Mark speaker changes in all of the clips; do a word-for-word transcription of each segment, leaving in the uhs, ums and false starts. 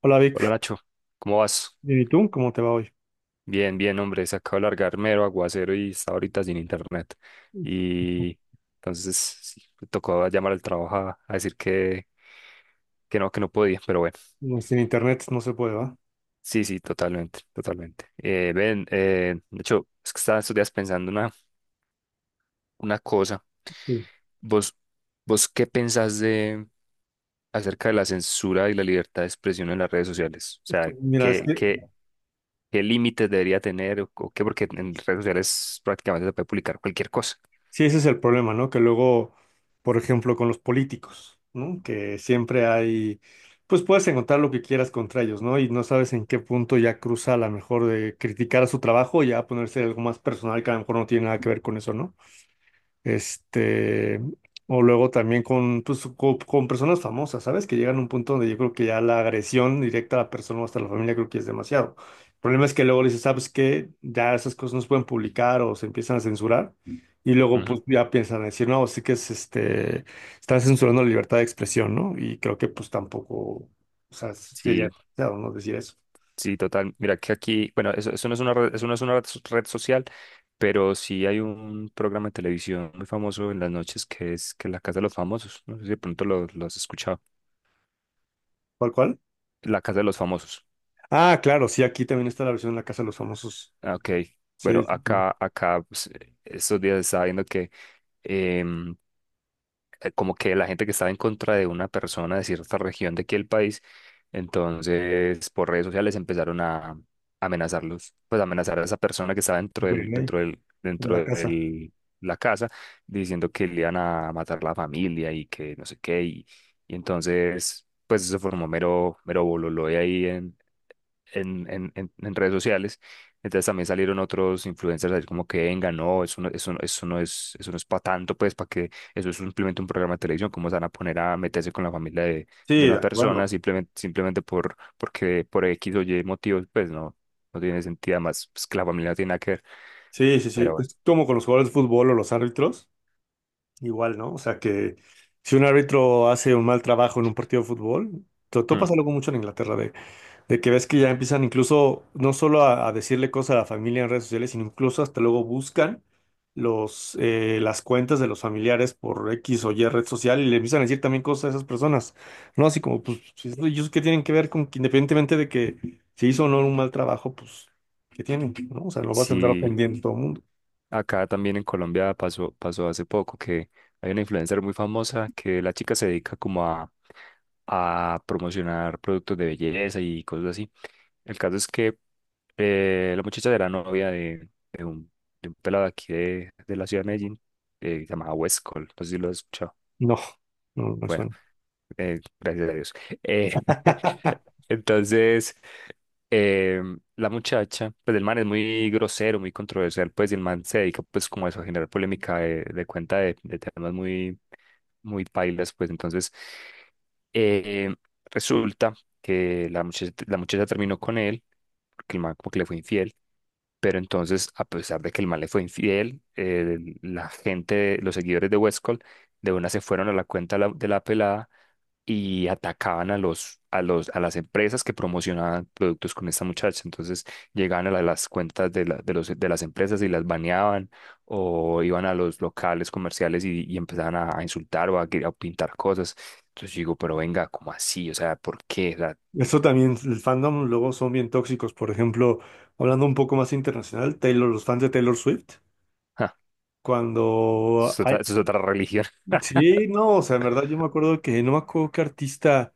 Speaker 1: Hola
Speaker 2: Hola
Speaker 1: Vic,
Speaker 2: Nacho, ¿cómo vas?
Speaker 1: ¿y tú? ¿Cómo te va hoy?
Speaker 2: Bien, bien, hombre, se acaba de largar mero aguacero y está ahorita sin internet. Y entonces sí, me tocó llamar al trabajo a, a decir que, que no, que no podía, pero bueno.
Speaker 1: No, sin internet no se puede, ¿va?
Speaker 2: Sí, sí, totalmente, totalmente. Eh, ven, eh, Nacho, es que estaba estos días pensando una, una cosa.
Speaker 1: Sí.
Speaker 2: ¿Vos, ¿vos qué pensás de acerca de la censura y la libertad de expresión en las redes sociales? O sea,
Speaker 1: Mira, es
Speaker 2: ¿qué,
Speaker 1: que
Speaker 2: qué, ¿qué límites debería tener o, o qué? Porque en redes sociales prácticamente se puede publicar cualquier cosa.
Speaker 1: sí, ese es el problema, ¿no? Que luego, por ejemplo, con los políticos, ¿no? Que siempre hay, pues puedes encontrar lo que quieras contra ellos, ¿no? Y no sabes en qué punto ya cruza a lo mejor de criticar a su trabajo y ya ponerse algo más personal que a lo mejor no tiene nada que ver con eso, ¿no? Este, o luego también con, pues, co- con, personas famosas, ¿sabes? Que llegan a un punto donde yo creo que ya la agresión directa a la persona o hasta la familia creo que es demasiado. El problema es que luego le dices, ¿sabes qué? Ya esas cosas no se pueden publicar o se empiezan a censurar. Y luego
Speaker 2: Ujú.
Speaker 1: pues ya piensan decir, no, sí que es este, están censurando la libertad de expresión, ¿no? Y creo que pues tampoco, o sea, sí, ya
Speaker 2: Sí,
Speaker 1: es demasiado, ¿no? Decir eso.
Speaker 2: sí, total. Mira que aquí, bueno, eso, eso no es una red, eso no es una red, so- red social, pero sí hay un programa de televisión muy famoso en las noches que es que es La Casa de los Famosos. No sé si de pronto lo, lo has escuchado.
Speaker 1: ¿Cuál, cuál?
Speaker 2: La Casa de los Famosos.
Speaker 1: Ah, claro, sí, aquí también está la versión de la Casa de los Famosos.
Speaker 2: Ah, ok.
Speaker 1: Sí,
Speaker 2: Bueno,
Speaker 1: sí, sí.
Speaker 2: acá, acá, pues, estos días estaba viendo que em, eh, como que la gente que estaba en contra de una persona de cierta región de aquí el país, entonces por redes sociales empezaron a amenazarlos, pues amenazar a esa persona que estaba dentro
Speaker 1: De
Speaker 2: del,
Speaker 1: ley,
Speaker 2: dentro del,
Speaker 1: de
Speaker 2: dentro
Speaker 1: la casa.
Speaker 2: del la casa, diciendo que le iban a matar la familia y que no sé qué, y, y entonces pues eso formó mero, mero bololo de ahí en en, en- en- en redes sociales. Entonces también salieron otros influencers a decir como que venga, no, eso no, eso no, eso no es, eso no es para tanto, pues, para que eso es simplemente un programa de televisión, cómo se van a poner a meterse con la familia de, de
Speaker 1: Sí, de
Speaker 2: una persona
Speaker 1: acuerdo.
Speaker 2: simplemente, simplemente por, porque por X o Y motivos, pues no, no tiene sentido, además, pues que la familia no tiene nada que ver.
Speaker 1: Sí, sí, sí.
Speaker 2: Pero bueno.
Speaker 1: Es como con los jugadores de fútbol o los árbitros, igual, ¿no? O sea que si un árbitro hace un mal trabajo en un partido de fútbol, to- todo
Speaker 2: hmm,
Speaker 1: pasa algo mucho en Inglaterra, de que ves que ya empiezan incluso no solo a, a decirle cosas a la familia en redes sociales, sino incluso hasta luego buscan los, eh, las cuentas de los familiares por X o Y red social y le empiezan a decir también cosas a esas personas, ¿no? Así como, pues, si es- ellos qué tienen que ver con que independientemente de que se hizo o no un mal trabajo, pues, ¿qué tienen? ¿No? O sea, no vas a andar
Speaker 2: sí.
Speaker 1: ofendiendo a todo el mundo.
Speaker 2: Acá también en Colombia pasó, pasó hace poco que hay una influencer muy famosa que la chica se dedica como a, a promocionar productos de belleza y cosas así. El caso es que eh, la muchacha era novia de, de un, de un pelado de aquí de, de la ciudad de Medellín, eh, llamado Westcol, no sé si lo has escuchado.
Speaker 1: No, no no me
Speaker 2: Bueno,
Speaker 1: suena.
Speaker 2: eh, gracias a Dios. Eh, entonces, eh, la muchacha, pues el man es muy grosero, muy controversial, pues y el man se dedica pues como a eso, a generar polémica de, de cuenta de, de temas muy, muy pailas, pues entonces eh, resulta que la muchacha, la muchacha terminó con él, porque el man como que le fue infiel. Pero entonces, a pesar de que el man le fue infiel, eh, la gente, los seguidores de Westcol, de una se fueron a la cuenta de la- de la pelada y atacaban a los, a los, a las empresas que promocionaban productos con esta muchacha. Entonces llegaban a la- las cuentas de, la- de, los, de las empresas y las baneaban o iban a los locales comerciales y, y empezaban a, a insultar o a, gri- a pintar cosas. Entonces yo digo, pero venga, ¿cómo así? O sea, ¿por qué? O sea,
Speaker 1: Eso también, el fandom luego son bien tóxicos. Por ejemplo, hablando un poco más internacional, Taylor, los fans de Taylor Swift.
Speaker 2: ja,
Speaker 1: Cuando
Speaker 2: eso es otra,
Speaker 1: hay...
Speaker 2: eso es otra religión.
Speaker 1: Sí, no, o sea, en verdad yo me acuerdo que no me acuerdo qué artista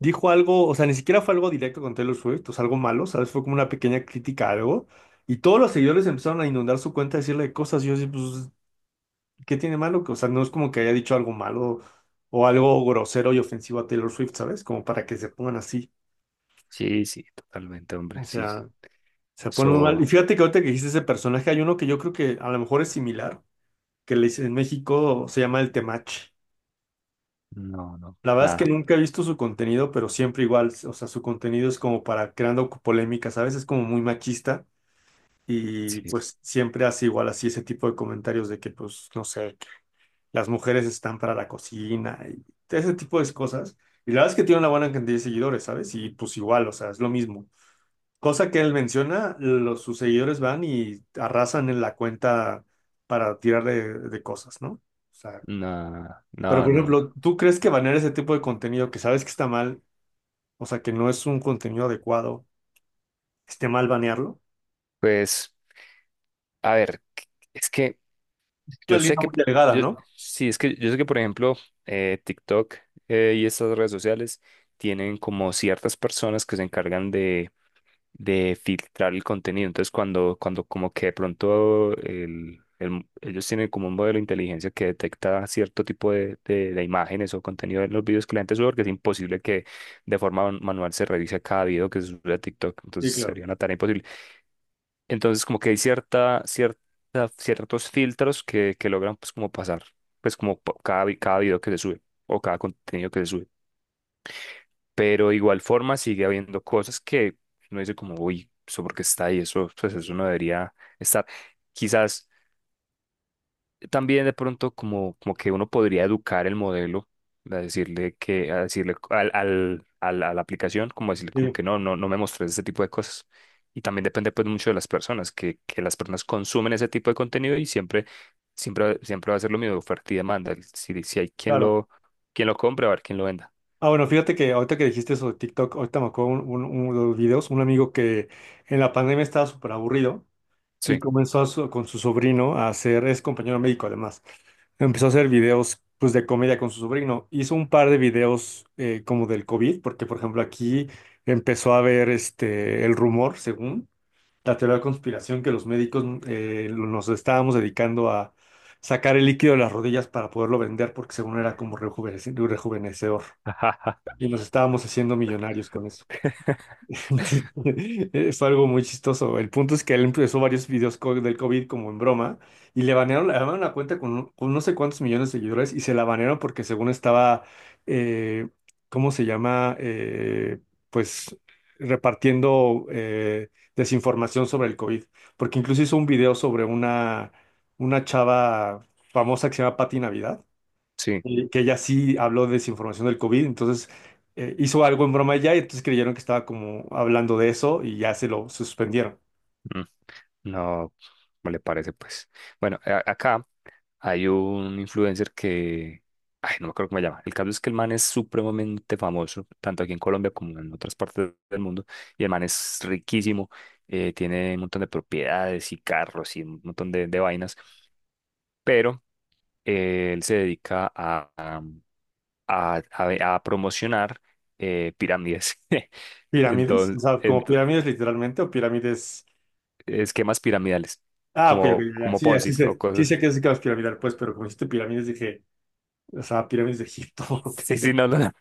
Speaker 1: dijo algo, o sea, ni siquiera fue algo directo con Taylor Swift, o sea, algo malo, ¿sabes? Fue como una pequeña crítica a algo. Y todos los seguidores empezaron a inundar su cuenta, a decirle cosas. Y yo decía, pues, ¿qué tiene malo? Que, o sea, no es como que haya dicho algo malo o algo grosero y ofensivo a Taylor Swift, ¿sabes? Como para que se pongan así.
Speaker 2: Sí, sí, totalmente, hombre,
Speaker 1: O
Speaker 2: sí.
Speaker 1: sea, se ponen muy mal.
Speaker 2: So,
Speaker 1: Y fíjate que ahorita que dijiste ese personaje, hay uno que yo creo que a lo mejor es similar, que le, en México se llama el Temach.
Speaker 2: no, no,
Speaker 1: La verdad es que
Speaker 2: nada,
Speaker 1: nunca he visto su contenido, pero siempre igual, o sea, su contenido es como para creando polémicas, a veces como muy machista y
Speaker 2: sí,
Speaker 1: pues siempre hace igual así ese tipo de comentarios de que pues, no sé, las mujeres están para la cocina y ese tipo de cosas. Y la verdad es que tiene una buena cantidad de seguidores, ¿sabes? Y pues igual, o sea, es lo mismo. Cosa que él menciona, los, sus seguidores van y arrasan en la cuenta para tirar de, de cosas, ¿no? O sea,
Speaker 2: nada,
Speaker 1: pero
Speaker 2: nada,
Speaker 1: por
Speaker 2: no, no.
Speaker 1: ejemplo, ¿tú crees que banear ese tipo de contenido que sabes que está mal? O sea, que no es un contenido adecuado. Esté mal banearlo.
Speaker 2: Pues, a ver, es que
Speaker 1: Es una
Speaker 2: yo sé
Speaker 1: línea
Speaker 2: que,
Speaker 1: muy delgada,
Speaker 2: yo,
Speaker 1: ¿no?
Speaker 2: sí, es que yo sé que, por ejemplo, eh, TikTok eh, y estas redes sociales tienen como ciertas personas que se encargan de de filtrar el contenido. Entonces, cuando, cuando como que de pronto el, el- ellos tienen como un modelo de inteligencia que detecta cierto tipo de, de, de imágenes o contenido en los videos que la gente sube, porque es imposible que de forma man- manual se revise cada video que se sube a TikTok. Entonces,
Speaker 1: Sí, claro.
Speaker 2: sería una tarea imposible. Entonces, como que hay cierta, cierta, ciertos filtros que, que logran pues como pasar, pues como po- cada, vi- cada video que se sube o cada contenido que se sube. Pero igual forma sigue habiendo cosas que uno dice como, uy, eso porque está ahí, eso, pues eso no debería estar. Quizás también de pronto como, como que uno podría educar el modelo a decirle que, a decirle al, al, al- a la aplicación, como decirle como
Speaker 1: Sí,
Speaker 2: que no, no, no me mostres ese tipo de cosas. Y también depende pues mucho de las personas, que, que las personas consumen ese tipo de contenido y siempre, siempre, siempre va a ser lo mismo, oferta y demanda. Si, si hay quien
Speaker 1: claro.
Speaker 2: lo, quien lo compre, va a haber quien lo venda.
Speaker 1: Ah, bueno, fíjate que ahorita que dijiste eso de TikTok, ahorita me acuerdo un- un- uno de los videos, un amigo que en la pandemia estaba súper aburrido y
Speaker 2: Sí,
Speaker 1: comenzó a su- con su sobrino a hacer, es compañero médico además, empezó a hacer videos pues de comedia con su sobrino. Hizo un par de videos eh, como del COVID, porque por ejemplo aquí empezó a ver este, el rumor, según la teoría de la conspiración que los médicos eh, nos estábamos dedicando a sacar el líquido de las rodillas para poderlo vender porque según era como rejuvenece- rejuvenecedor y nos estábamos haciendo millonarios con eso. Fue algo muy chistoso. El punto es que él empezó varios videos co- del COVID como en broma y le banearon, le banearon la cuenta con, con no sé cuántos millones de seguidores y se la banearon porque según estaba, eh, ¿cómo se llama? Eh, pues repartiendo eh, desinformación sobre el COVID. Porque incluso hizo un video sobre una, una chava famosa que se llama Patti Navidad
Speaker 2: sí.
Speaker 1: eh, que ella sí habló de desinformación del COVID, entonces eh, hizo algo en broma ella y entonces creyeron que estaba como hablando de eso y ya se lo suspendieron.
Speaker 2: Mm. No, ¿cómo le parece, pues? Bueno, a- acá hay un influencer que, ay, no me acuerdo cómo se llama. El caso es que el man es supremamente famoso, tanto aquí en Colombia como en otras partes del mundo, y el man es riquísimo, eh, tiene un montón de propiedades y carros y un montón de, de vainas, pero eh, él se dedica a, a, a- a- a promocionar eh, pirámides,
Speaker 1: ¿Pirámides? O
Speaker 2: entonces,
Speaker 1: sea, ¿como
Speaker 2: ento-
Speaker 1: pirámides literalmente o pirámides...?
Speaker 2: esquemas piramidales,
Speaker 1: Ah, ok, ok,
Speaker 2: como,
Speaker 1: ya,
Speaker 2: como
Speaker 1: sí, ya,
Speaker 2: Ponzi
Speaker 1: sí
Speaker 2: o
Speaker 1: sé, sí sé
Speaker 2: cosas.
Speaker 1: que es caos piramidal, pues, pero como dijiste pirámides dije, o sea, pirámides de Egipto. Ok.
Speaker 2: Sí, sí, no, no, no.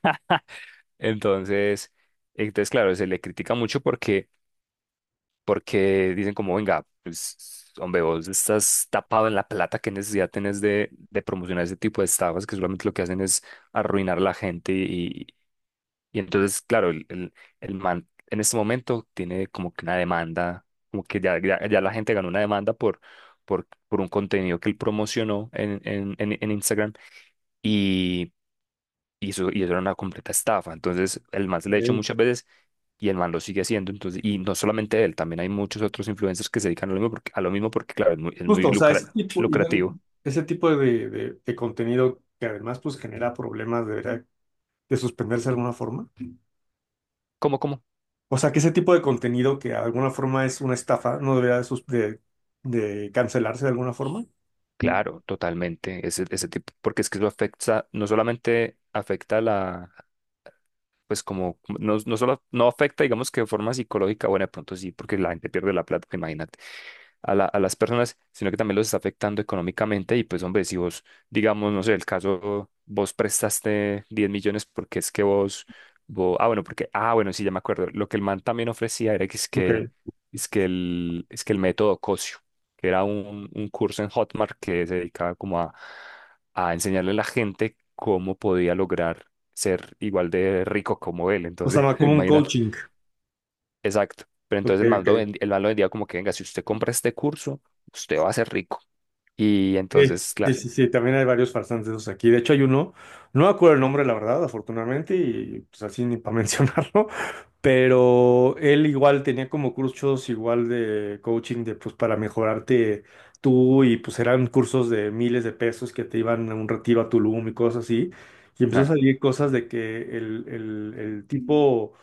Speaker 2: Entonces, entonces claro, se le critica mucho porque, porque dicen como, venga, pues, hombre, vos estás tapado en la plata, ¿qué necesidad tenés de, de promocionar ese tipo de estafas que solamente lo que hacen es arruinar a la gente? Y, y entonces, claro, el, el, el man en este momento tiene como que una demanda, como que ya, ya, ya la gente ganó una demanda por, por, por un contenido que él promocionó en, en, en en Instagram. Y y eso, y eso era una completa estafa. Entonces, el man se le ha hecho
Speaker 1: Eh,
Speaker 2: muchas veces y el man lo sigue haciendo. Entonces, y no solamente él, también hay muchos otros influencers que se dedican a lo mismo porque, a lo mismo porque claro, es muy, es muy
Speaker 1: justo, o sea,
Speaker 2: lucra-
Speaker 1: ese tipo, y no-
Speaker 2: lucrativo.
Speaker 1: ese tipo de, de- de contenido que además pues genera problemas debería de suspenderse de alguna forma.
Speaker 2: ¿Cómo, cómo?
Speaker 1: O sea, que ese tipo de contenido que de alguna forma es una estafa, no debería de, sus- de- de cancelarse de alguna forma.
Speaker 2: Claro, totalmente. Ese, ese tipo, porque es que eso afecta, no solamente afecta a la, pues como no, no solo no afecta, digamos que de forma psicológica, bueno, de pronto sí, porque la gente pierde la plata, imagínate, a la- a las personas, sino que también los está afectando económicamente y pues hombre, si vos, digamos, no sé, el caso, vos prestaste diez millones porque es que vos, vos, ah, bueno, porque, ah, bueno, sí, ya me acuerdo, lo que el man también ofrecía era que es
Speaker 1: Ok.
Speaker 2: que, es que el, es que el método Cosio, que era un, un curso en Hotmart que se dedicaba como a, a enseñarle a la gente cómo podía lograr ser igual de rico como él.
Speaker 1: O
Speaker 2: Entonces,
Speaker 1: sea, como un
Speaker 2: imagínate.
Speaker 1: coaching.
Speaker 2: Exacto. Pero
Speaker 1: Ok,
Speaker 2: entonces el man lo,
Speaker 1: ok.
Speaker 2: vend- el man lo vendía como que, venga, si usted compra este curso, usted va a ser rico. Y
Speaker 1: Sí,
Speaker 2: entonces,
Speaker 1: sí,
Speaker 2: claro,
Speaker 1: sí, sí, también hay varios farsantes de esos aquí. De hecho, hay uno, no me acuerdo el nombre, la verdad, afortunadamente, y pues así ni para mencionarlo, pero él igual tenía como cursos igual de coaching de pues para mejorarte tú y pues eran cursos de miles de pesos que te iban a un retiro a Tulum y cosas así. Y empezó a
Speaker 2: ah,
Speaker 1: salir cosas de que el, el, el tipo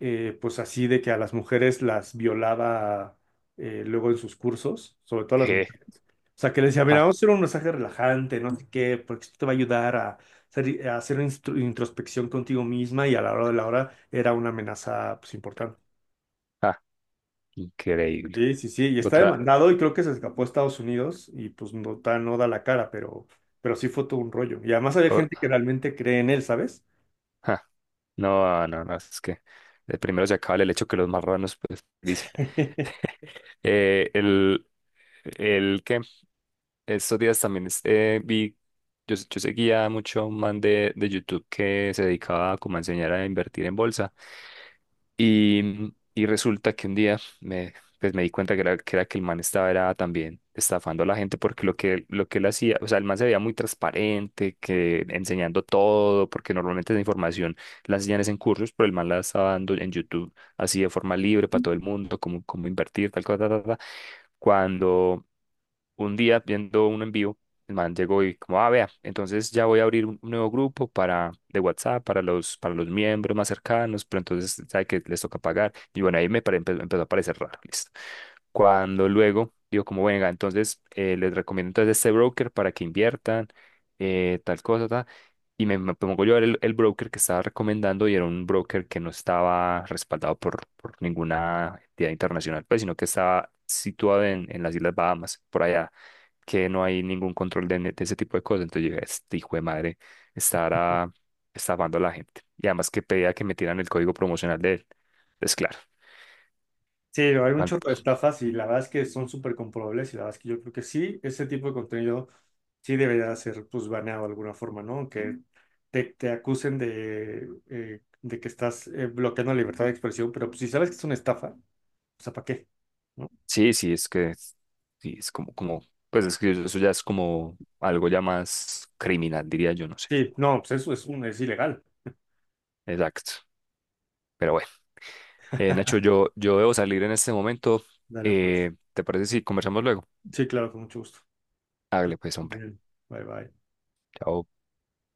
Speaker 1: eh, pues así de que a las mujeres las violaba eh, luego en sus cursos, sobre todo a las
Speaker 2: je,
Speaker 1: mujeres. O sea, que les decía, mira,
Speaker 2: ja,
Speaker 1: vamos a hacer un mensaje relajante, no sé qué, porque esto te va a ayudar a hacer, a hacer instru- introspección contigo misma y a la hora de la hora era una amenaza pues importante.
Speaker 2: ja, increíble.
Speaker 1: Sí, sí, sí, y está
Speaker 2: Otra,
Speaker 1: demandado y creo que se escapó a Estados Unidos y pues no, da- no da la cara, pero, pero sí fue todo un rollo. Y además había gente
Speaker 2: o-
Speaker 1: que realmente cree en él, ¿sabes?
Speaker 2: ja, no, no, no, es que de primero se acaba el hecho que los marranos, pues, dicen. Eh, el, el que estos días también es- eh, vi, yo, yo seguía mucho a un man de, de YouTube que se dedicaba como a enseñar a invertir en bolsa. Y, y resulta que un día me, pues me di cuenta que era, que era que el man estaba era también estafando a la gente porque lo que, lo que él hacía, o sea, el man se veía muy transparente, que enseñando todo, porque normalmente esa información la enseñan es en cursos, pero el man la estaba dando en YouTube así de forma libre para todo el mundo, cómo, cómo invertir, tal cosa, tal, tal. Cuando un día viendo uno en vivo, el man llegó y como, ah, vea, entonces ya voy a abrir un un nuevo grupo para, de WhatsApp para los, para los miembros más cercanos, pero entonces sabe que les toca pagar. Y bueno, ahí me pare- empe- empezó a parecer raro, listo. Cuando luego digo, como, venga, entonces eh, les recomiendo entonces este broker para que inviertan, eh, tal cosa, tal. Y me, me pongo yo a ver el, el broker que estaba recomendando y era un broker que no estaba respaldado por, por ninguna entidad internacional, pues, sino que estaba situado en, en las Islas Bahamas, por allá, que no hay ningún control de, de ese tipo de cosas. Entonces yo dije, este hijo de madre estará estafando a la gente. Y además que pedía que me tiraran el código promocional de él. Entonces, claro,
Speaker 1: Sí, hay un
Speaker 2: cuan-
Speaker 1: chorro de estafas y la verdad es que son súper comprobables y la verdad es que yo creo que sí, ese tipo de contenido sí debería ser pues baneado de alguna forma, ¿no? Que te, te acusen de, eh, de que estás eh, bloqueando la libertad de expresión, pero pues si sabes que es una estafa, o sea, ¿para qué? ¿No?
Speaker 2: sí, sí, es que es- sí, es como, como, pues es que eso ya es como algo ya más criminal, diría yo, no sé.
Speaker 1: Sí, no, pues eso es, un, es ilegal.
Speaker 2: Exacto. Pero bueno. Eh, Nacho, yo, yo debo salir en este momento.
Speaker 1: Dale, pues.
Speaker 2: Eh, ¿te parece si conversamos luego?
Speaker 1: Sí, claro, con mucho gusto. Ok,
Speaker 2: Hágale pues,
Speaker 1: muy
Speaker 2: hombre.
Speaker 1: bien. Bye, bye.
Speaker 2: Chao.